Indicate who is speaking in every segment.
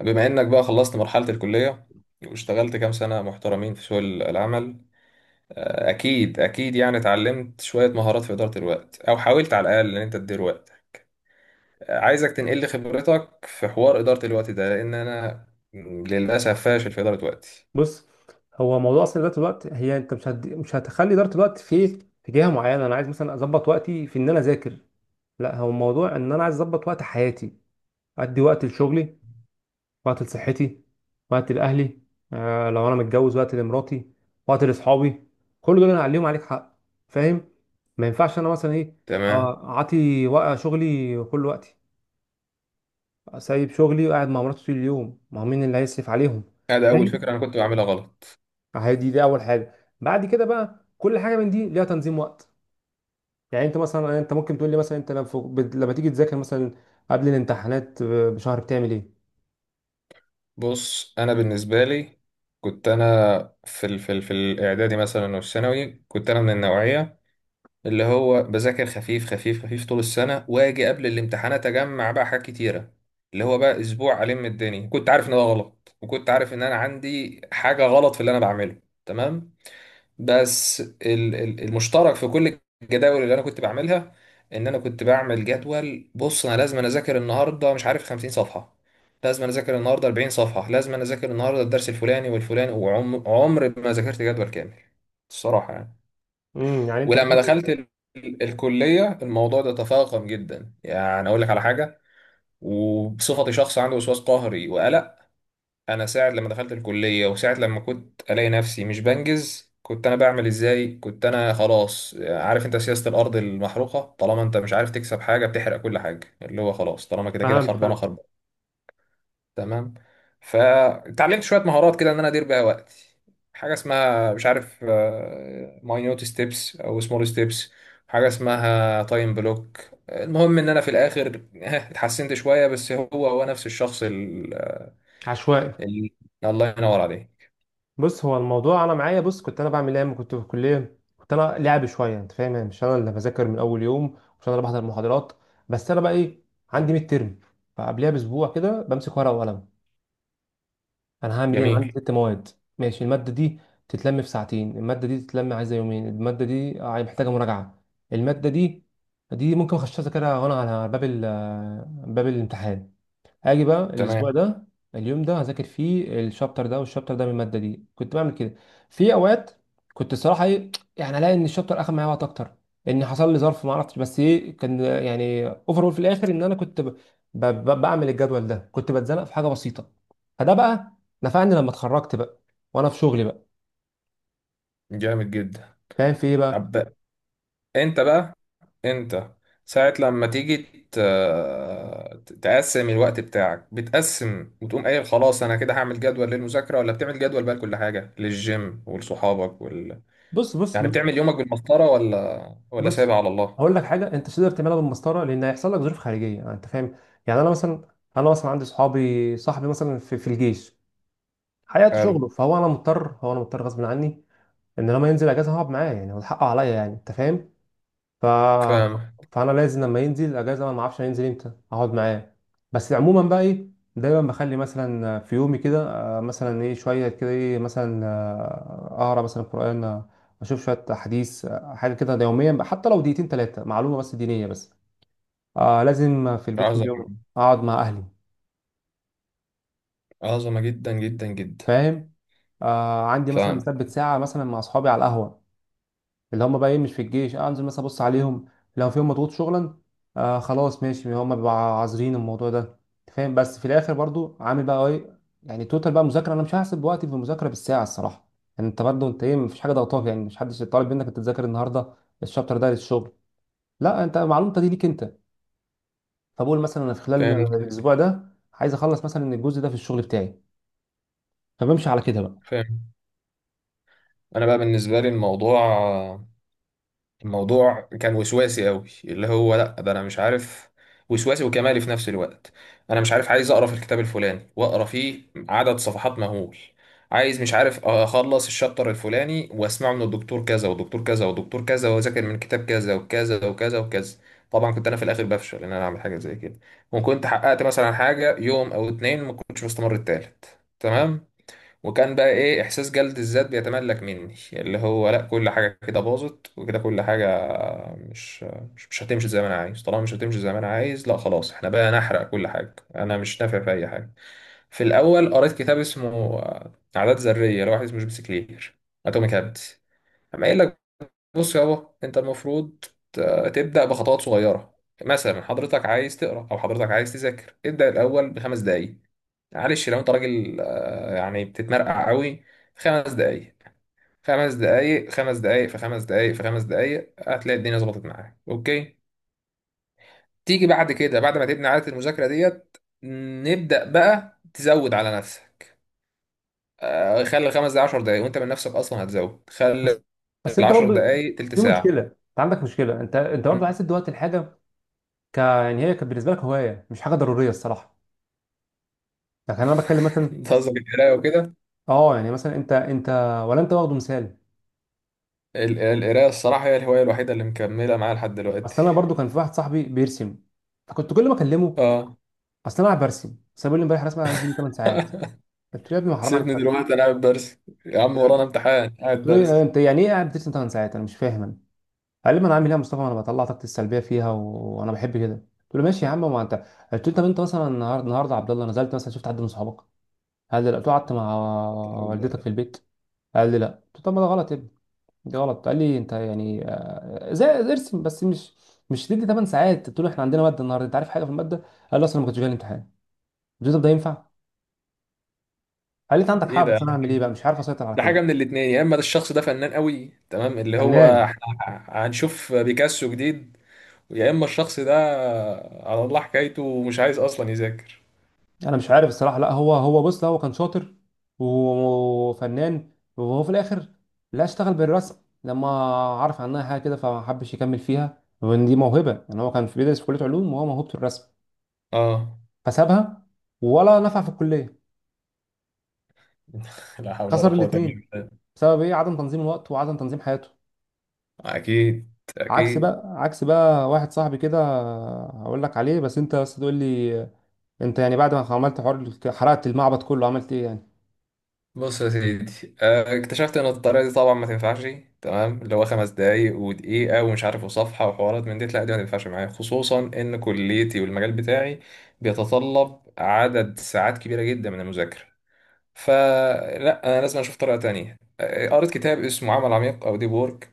Speaker 1: بما انك بقى خلصت مرحلة الكلية، واشتغلت كام سنة محترمين في سوق العمل. اكيد اكيد، يعني اتعلمت شوية مهارات في إدارة الوقت، او حاولت على الاقل ان انت تدير وقت. عايزك تنقل لي خبرتك في حوار إدارة الوقت ده، لان انا للاسف فاشل في إدارة وقتي.
Speaker 2: بص، هو موضوع اصلا اداره الوقت، هي انت مش مش هتخلي اداره الوقت في جهه معينه. انا عايز مثلا اظبط وقتي في ان انا اذاكر، لا هو الموضوع ان انا عايز اظبط وقت حياتي. ادي وقت لشغلي، وقت لصحتي، وقت لاهلي، آه لو انا متجوز وقت لمراتي، وقت لاصحابي. كل دول انا عليهم عليك حق، فاهم؟ ما ينفعش انا مثلا ايه،
Speaker 1: تمام.
Speaker 2: اعطي شغلي كل وقتي، سايب شغلي وقاعد مع مراتي طول اليوم، ما هو مين اللي هيصرف عليهم؟
Speaker 1: هذا اول فكرة انا كنت بعملها غلط.
Speaker 2: عادي، دي اول حاجه. بعد كده بقى كل حاجه من دي ليها تنظيم وقت. يعني انت مثلا، يعني انت ممكن تقول لي مثلا انت لما لما تيجي تذاكر مثلا قبل الامتحانات بشهر بتعمل ايه؟
Speaker 1: بص انا بالنسبة لي كنت انا في الاعدادي مثلا والثانوي، كنت انا من النوعية اللي هو بذاكر خفيف خفيف خفيف طول السنة، واجي قبل الامتحانات اجمع بقى حاجات كتيرة، اللي هو بقى اسبوع الم الدنيا. كنت عارف ان ده غلط، وكنت عارف ان انا عندي حاجة غلط في اللي انا بعمله. تمام. بس المشترك في كل الجداول اللي انا كنت بعملها، ان انا كنت بعمل جدول. بص انا لازم أنا اذاكر النهارده مش عارف 50 صفحة، لازم أنا اذاكر النهارده 40 صفحة، لازم أنا اذاكر النهارده الدرس الفلاني والفلاني، وعمر ما ذاكرت جدول كامل الصراحة يعني.
Speaker 2: يعني انت في
Speaker 1: ولما دخلت الكلية الموضوع ده تفاقم جدا. يعني أقول لك على حاجة، وبصفتي شخص عنده وسواس قهري وقلق، أنا ساعة لما دخلت الكلية، وساعة لما كنت ألاقي نفسي مش بنجز، كنت أنا بعمل إزاي؟ كنت أنا خلاص عارف أنت، سياسة الأرض المحروقة، طالما أنت مش عارف تكسب حاجة بتحرق كل حاجة، اللي هو خلاص طالما كده كده
Speaker 2: فهمت
Speaker 1: خربانة
Speaker 2: فهمت
Speaker 1: خربانة. تمام. فتعلمت شويه مهارات كده ان انا ادير بيها وقتي. حاجه اسمها مش عارف ماينوت ستيبس او سمول ستيبس، حاجه اسمها تايم بلوك. المهم ان انا في الاخر ها، اتحسنت شويه، بس هو نفس الشخص ال...
Speaker 2: عشوائي.
Speaker 1: ال... الله ينور عليك.
Speaker 2: بص، هو الموضوع انا معايا. بص، كنت انا بعمل ايه لما كنت في الكليه؟ كنت انا لعب شويه، انت فاهم، يعني مش انا اللي بذاكر من اول يوم، مش انا اللي بحضر المحاضرات. بس انا بقى ايه، عندي ميد ترم، فقبلها باسبوع كده بمسك ورقه وقلم. انا هعمل ايه؟ انا عندي
Speaker 1: جميل.
Speaker 2: 6 مواد. ماشي، الماده دي تتلم في ساعتين، الماده دي تتلم عايزه يومين، الماده دي محتاجه مراجعه، الماده دي دي ممكن اخش اذاكرها وانا على باب الامتحان. هاجي بقى الاسبوع
Speaker 1: تمام.
Speaker 2: ده، اليوم ده هذاكر فيه الشابتر ده والشابتر ده من الماده دي، كنت بعمل كده. في اوقات كنت الصراحه ايه، يعني الاقي ان الشابتر اخد معايا وقت اكتر، ان حصل لي ظرف ما اعرفش، بس ايه كان، يعني اوفرول في الاخر ان انا كنت بعمل الجدول ده، كنت بتزنق في حاجه بسيطه. فده بقى نفعني لما اتخرجت بقى وانا في شغلي بقى.
Speaker 1: جامد جدا.
Speaker 2: فاهم في ايه
Speaker 1: طب
Speaker 2: بقى؟
Speaker 1: انت بقى، انت ساعة لما تيجي ت- تقسم الوقت بتاعك، بتقسم وتقوم قايل خلاص انا كده هعمل جدول للمذاكرة، ولا بتعمل جدول بقى لكل حاجة، للجيم ولصحابك وال...،
Speaker 2: بص بص
Speaker 1: يعني بتعمل يومك بالمسطرة ولا
Speaker 2: بص،
Speaker 1: سايبها على الله؟
Speaker 2: هقول لك حاجه، انت مش تقدر تعملها بالمسطره لان هيحصل لك ظروف خارجيه، يعني انت فاهم. يعني انا مثلا، انا مثلا عندي صحابي، صاحبي مثلا في الجيش، حياته
Speaker 1: حلو.
Speaker 2: شغله، فهو انا مضطر، هو انا مضطر غصب عني ان لما ينزل اجازه هقعد معاه، يعني هو حقه عليا، يعني انت فاهم. ف...
Speaker 1: فاهم.
Speaker 2: فانا لازم لما ينزل اجازه، انا ما اعرفش هينزل امتى، اقعد معاه. بس عموما بقى ايه، دايما بخلي مثلا في يومي كده مثلا ايه شويه كده ايه مثلا، اقرا مثلا قران، اشوف شويه حديث، حاجه كده يوميا بقى، حتى لو دقيقتين ثلاثه معلومه بس دينيه بس. آه لازم في البيت كل
Speaker 1: عظمة
Speaker 2: يوم
Speaker 1: جدا.
Speaker 2: اقعد مع اهلي،
Speaker 1: عظمة جدا جدا جدا.
Speaker 2: فاهم؟ آه عندي مثلا
Speaker 1: فاهم.
Speaker 2: مثبت ساعه مثلا مع اصحابي على القهوه، اللي هم بقى ايه مش في الجيش، انزل مثلا ابص عليهم. لو فيهم مضغوط شغلا، آه خلاص ماشي، هم بيبقوا عازرين الموضوع ده، أنت فاهم. بس في الاخر برضو عامل بقى ايه، يعني توتال بقى مذاكره، انا مش هحسب وقتي في المذاكره بالساعه الصراحه. يعني انت برضو انت ايه، مفيش حاجه ضغطاك، يعني مش حدش طالب منك انت تذاكر النهارده الشابتر ده للشغل، لا انت معلومتك دي ليك انت. فبقول مثلا انا في خلال
Speaker 1: فاهم.
Speaker 2: الاسبوع ده عايز اخلص مثلا الجزء ده في الشغل بتاعي، فبمشي على كده بقى.
Speaker 1: فاهم. انا بقى بالنسبة لي الموضوع كان وسواسي قوي، اللي هو لا ده انا مش عارف، وسواسي وكمالي في نفس الوقت. انا مش عارف عايز اقرا في الكتاب الفلاني واقرا فيه عدد صفحات مهول، عايز مش عارف اخلص الشابتر الفلاني واسمعه من الدكتور كذا ودكتور كذا ودكتور كذا، واذاكر من كتاب كذا وكذا وكذا وكذا. طبعا كنت انا في الاخر بفشل ان انا اعمل حاجه زي كده، وكنت حققت مثلا حاجه يوم او اتنين، ما كنتش مستمر التالت. تمام. وكان بقى ايه، احساس جلد الذات بيتملك مني، اللي هو لا كل حاجه كده باظت، وكده كل حاجه مش هتمشي زي ما انا عايز، طالما مش هتمشي زي ما انا عايز، لا خلاص احنا بقى نحرق كل حاجه، انا مش نافع في اي حاجه. في الاول قريت كتاب اسمه عادات ذريه، لواحد اسمه جيمس كلير، اتوميك هابتس. اما قايل لك بص يابا انت المفروض ت- تبدا بخطوات صغيره. مثلا حضرتك عايز تقرا او حضرتك عايز تذاكر، ابدا الاول بخمس دقائق. معلش لو انت راجل، يعني بتتمرقع قوي في خمس دقايق، خمس دقايق خمس دقايق في خمس دقايق في خمس دقايق هتلاقي الدنيا ظبطت معاك. اوكي، تيجي بعد كده، بعد ما تبني عادة المذاكرة ديت، نبدأ بقى تزود على نفسك. خلي الخمس دقايق 10 دقايق، وانت من نفسك اصلا هتزود،
Speaker 2: بس
Speaker 1: خلي
Speaker 2: بس انت
Speaker 1: العشر
Speaker 2: برضو
Speaker 1: دقايق تلت
Speaker 2: في
Speaker 1: ساعة.
Speaker 2: مشكله، انت عندك مشكله، انت برضو
Speaker 1: مم.
Speaker 2: عايز تدي وقت الحاجه، ك يعني هي كانت بالنسبه لك هوايه مش حاجه ضروريه الصراحه. لكن انا بتكلم مثلا،
Speaker 1: بتهزر القراية وكده.
Speaker 2: اه يعني مثلا انت، ولا انت واخده مثال.
Speaker 1: القراية الصراحة هي الهواية الوحيدة اللي مكملة معايا لحد دلوقتي.
Speaker 2: اصل انا برضو كان في واحد صاحبي بيرسم، فكنت كل ما اكلمه
Speaker 1: اه.
Speaker 2: اصل انا قاعد برسم، بس بيقول لي امبارح رسمه عايز تجيب 8 ساعات. قلت له يا ابني ما حرام عليك
Speaker 1: سيبني
Speaker 2: أكتر.
Speaker 1: دلوقتي انا قاعد برسم، يا عم ورانا امتحان
Speaker 2: قلت
Speaker 1: قاعد
Speaker 2: له إيه؟
Speaker 1: برسم.
Speaker 2: انت يعني ايه قاعد بترسم 8 ساعات، انا مش فاهم انا. قال لي ما انا عامل ايه يا مصطفى، ما انا بطلع طاقتي السلبيه فيها وانا بحب كده. قلت له ماشي يا عم ما انت، قلت له طب انت مثلا النهارده يا عبد الله نزلت مثلا شفت حد من صحابك؟ قال لي لا. قلت له قعدت مع
Speaker 1: طب
Speaker 2: والدتك
Speaker 1: ال-،
Speaker 2: في البيت؟ قال لي لا. قلت له طب ما ده غلط يا ابني، دي غلط. قال لي انت يعني زي ارسم بس مش تدي 8 ساعات. قلت له احنا عندنا ماده النهارده، انت عارف حاجه في الماده؟ قال لي اصلا ما كنتش جاي الامتحان. قلت له طب ده ينفع؟ قال لي انت عندك حق
Speaker 1: ايه ده يا
Speaker 2: بس انا
Speaker 1: عم
Speaker 2: هعمل ايه
Speaker 1: كده؟
Speaker 2: بقى، مش عارف اسيطر على
Speaker 1: ده
Speaker 2: كده.
Speaker 1: حاجه من الاتنين، يا اما ده الشخص ده فنان قوي، تمام، اللي هو
Speaker 2: فنان.
Speaker 1: احنا هنشوف بيكاسو جديد، يا اما الشخص ده على الله حكايته ومش عايز اصلا يذاكر.
Speaker 2: انا مش عارف الصراحه، لا هو بص، لا هو كان شاطر وفنان، وهو في الاخر لا اشتغل بالرسم لما عرف عنها حاجه كده، فما حبش يكمل فيها، وان دي موهبه. يعني هو كان في بيدرس في كليه علوم، وهو موهوبته الرسم،
Speaker 1: اه.
Speaker 2: فسابها، ولا نفع في الكليه.
Speaker 1: لا حول ولا
Speaker 2: خسر
Speaker 1: قوه الا
Speaker 2: الاثنين
Speaker 1: بالله.
Speaker 2: بسبب ايه؟ عدم تنظيم الوقت وعدم تنظيم حياته.
Speaker 1: اكيد،
Speaker 2: عكس
Speaker 1: اكيد.
Speaker 2: بقى عكس بقى واحد صاحبي كده، هقول لك عليه، بس انت بس تقول لي انت يعني بعد ما عملت حوار حرقت المعبد كله عملت ايه يعني.
Speaker 1: بص يا سيدي، اكتشفت ان الطريقه دي طبعا ما تنفعش. تمام. اللي هو خمس دقايق ودقيقه ومش عارف وصفحه وحوارات من دي، لا دي ما تنفعش معايا، خصوصا ان كليتي والمجال بتاعي بيتطلب عدد ساعات كبيره جدا من المذاكره. فلا انا لازم اشوف طريقه تانية. قريت كتاب اسمه عمل عميق او ديب وورك.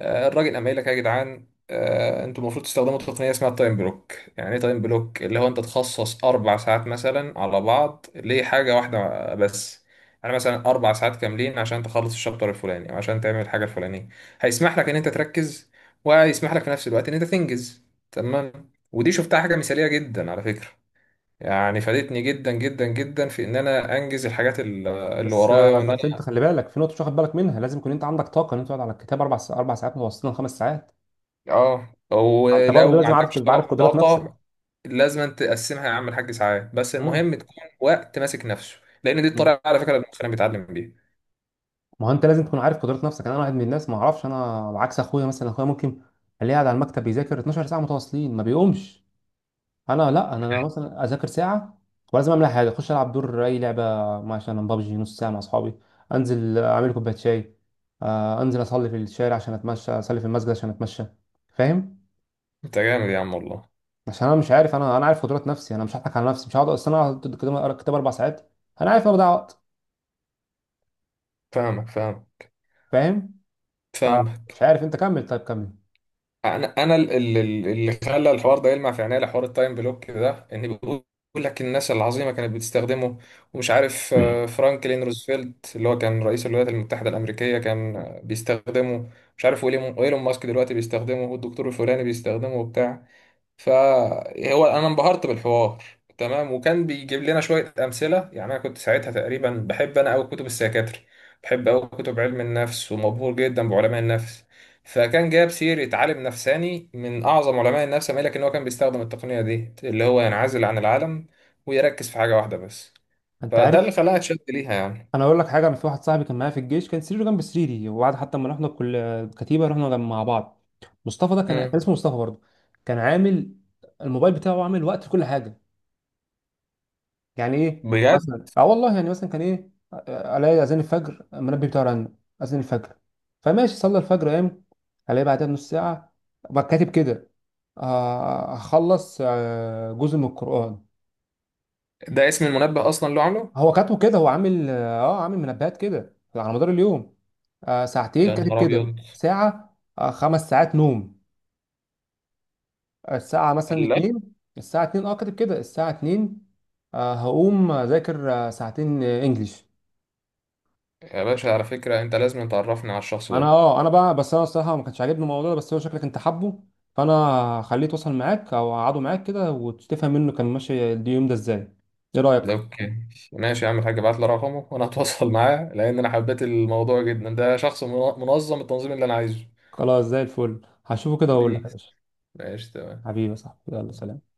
Speaker 1: الراجل قام قايل لك يا جدعان، انتوا المفروض تستخدموا تقنيه اسمها التايم بلوك. يعني ايه تايم بلوك؟ اللي هو انت تخصص اربع ساعات مثلا على بعض لحاجه واحده بس. يعني مثلا اربع ساعات كاملين عشان تخلص الشابتر الفلاني، او عشان تعمل الحاجه الفلانيه. هيسمح لك ان انت تركز، وهيسمح لك في نفس الوقت ان انت تنجز. تمام. ودي شفتها حاجه مثاليه جدا على فكره، يعني فادتني جدا جدا جدا في ان انا انجز الحاجات اللي
Speaker 2: بس
Speaker 1: ورايا، وان
Speaker 2: بس انت
Speaker 1: انا
Speaker 2: خلي بالك في نقطه مش واخد بالك منها، لازم يكون انت عندك طاقه ان انت تقعد على الكتاب 4 ساعات، 4 ساعات متواصلين، 5 ساعات.
Speaker 1: اه.
Speaker 2: انت برضه
Speaker 1: ولو ما
Speaker 2: لازم عارف،
Speaker 1: عندكش
Speaker 2: تبقى عارف
Speaker 1: طاقه
Speaker 2: قدرات نفسك.
Speaker 1: طاقة، لازم تقسمها يا عم الحاج ساعات، بس
Speaker 2: مم.
Speaker 1: المهم تكون وقت ماسك نفسه، لان دي
Speaker 2: مم.
Speaker 1: الطريقه على فكره اللي المخنا بيتعلم بيها.
Speaker 2: ما هو انت لازم تكون عارف قدرات نفسك. انا واحد من الناس، ما اعرفش، انا عكس اخويا مثلا، اخويا ممكن الاقيه قاعد على المكتب بيذاكر 12 ساعه متواصلين ما بيقومش. انا لا، انا مثلا اذاكر ساعه ولازم اعمل حاجه، اخش العب دور اي لعبه، مثلا ببجي نص ساعه مع اصحابي، انزل اعمل كوبايه شاي، انزل اصلي في الشارع عشان اتمشى، اصلي في المسجد عشان اتمشى، فاهم؟
Speaker 1: انت جامد يا عم والله.
Speaker 2: عشان انا مش عارف، انا عارف قدرات نفسي، انا مش هضحك على نفسي، مش هقعد اصل انا هقعد كده اقرا كتاب 4 ساعات، انا عارف ان أنا بضيع وقت.
Speaker 1: فاهمك، فاهمك،
Speaker 2: فاهم؟ فمش
Speaker 1: فاهمك.
Speaker 2: عارف انت، كمل طيب كمل.
Speaker 1: انا اللي خلى الحوار ده يلمع في عينيا، حوار التايم بلوك ده، ان بيقول لك الناس العظيمه كانت بتستخدمه، ومش عارف فرانكلين روزفلت اللي هو كان رئيس الولايات المتحده الامريكيه كان بيستخدمه، مش عارف وايلون ماسك دلوقتي بيستخدمه، والدكتور الفلاني بيستخدمه وبتاع. فهو انا انبهرت بالحوار. تمام. وكان بيجيب لنا شويه امثله. يعني انا كنت ساعتها تقريبا بحب انا قوي كتب السيكاتري، بحب قوي كتب علم النفس، ومبهور جدا بعلماء النفس. فكان جاب سيره عالم نفساني من اعظم علماء النفس، ما لكن هو كان بيستخدم التقنيه دي، اللي هو ينعزل عن العالم ويركز في حاجه واحده بس.
Speaker 2: انت
Speaker 1: فده اللي
Speaker 2: عارف،
Speaker 1: خلاها اتشد ليها يعني.
Speaker 2: انا اقول لك حاجه. انا في واحد صاحبي كان معايا في الجيش، كان سريره جنب سريري، وبعد حتى ما رحنا كل كتيبه رحنا جنب مع بعض. مصطفى ده كان
Speaker 1: مم.
Speaker 2: اسمه مصطفى برضه. كان عامل الموبايل بتاعه عامل وقت لكل حاجه. يعني ايه
Speaker 1: بجد؟
Speaker 2: مثلا، اه والله يعني مثلا كان ايه، الاقي اذان الفجر المنبه بتاعه رن، اذان الفجر فماشي صلى الفجر قام. الاقي بعدها بنص ساعه بقى كاتب كده هخلص جزء من القران.
Speaker 1: ده اسم المنبه اصلا اللي عامله؟
Speaker 2: هو كاتبه كده، هو عامل اه عامل منبهات كده على مدار اليوم. آه ساعتين
Speaker 1: يا
Speaker 2: كاتب
Speaker 1: نهار
Speaker 2: كده
Speaker 1: ابيض.
Speaker 2: ساعة، آه 5 ساعات نوم، الساعة مثلا
Speaker 1: قال لا.
Speaker 2: اتنين. الساعة اتنين اه كاتب كده الساعة اتنين هقوم أذاكر، آه ساعتين آه انجليش.
Speaker 1: يا باشا على فكره انت لازم تعرفني على الشخص
Speaker 2: انا
Speaker 1: ده.
Speaker 2: اه انا بقى، بس انا الصراحة ما كانش عاجبني الموضوع ده، بس هو شكلك انت حابه، فانا خليه يتواصل معاك او اقعده معاك كده وتفهم منه كان ماشي اليوم ده ازاي. ايه رأيك؟
Speaker 1: اوكي، ماشي يا عم الحاج، ابعت لي رقمه وانا هتواصل معاه، لان انا حبيت الموضوع جدا، ده شخص منظم التنظيم اللي انا عايزه.
Speaker 2: خلاص زي الفل، هشوفه كده واقول لك يا
Speaker 1: بيس،
Speaker 2: باشا.
Speaker 1: ماشي،
Speaker 2: حبيبي يا صاحبي، يلا
Speaker 1: تمام.
Speaker 2: سلام.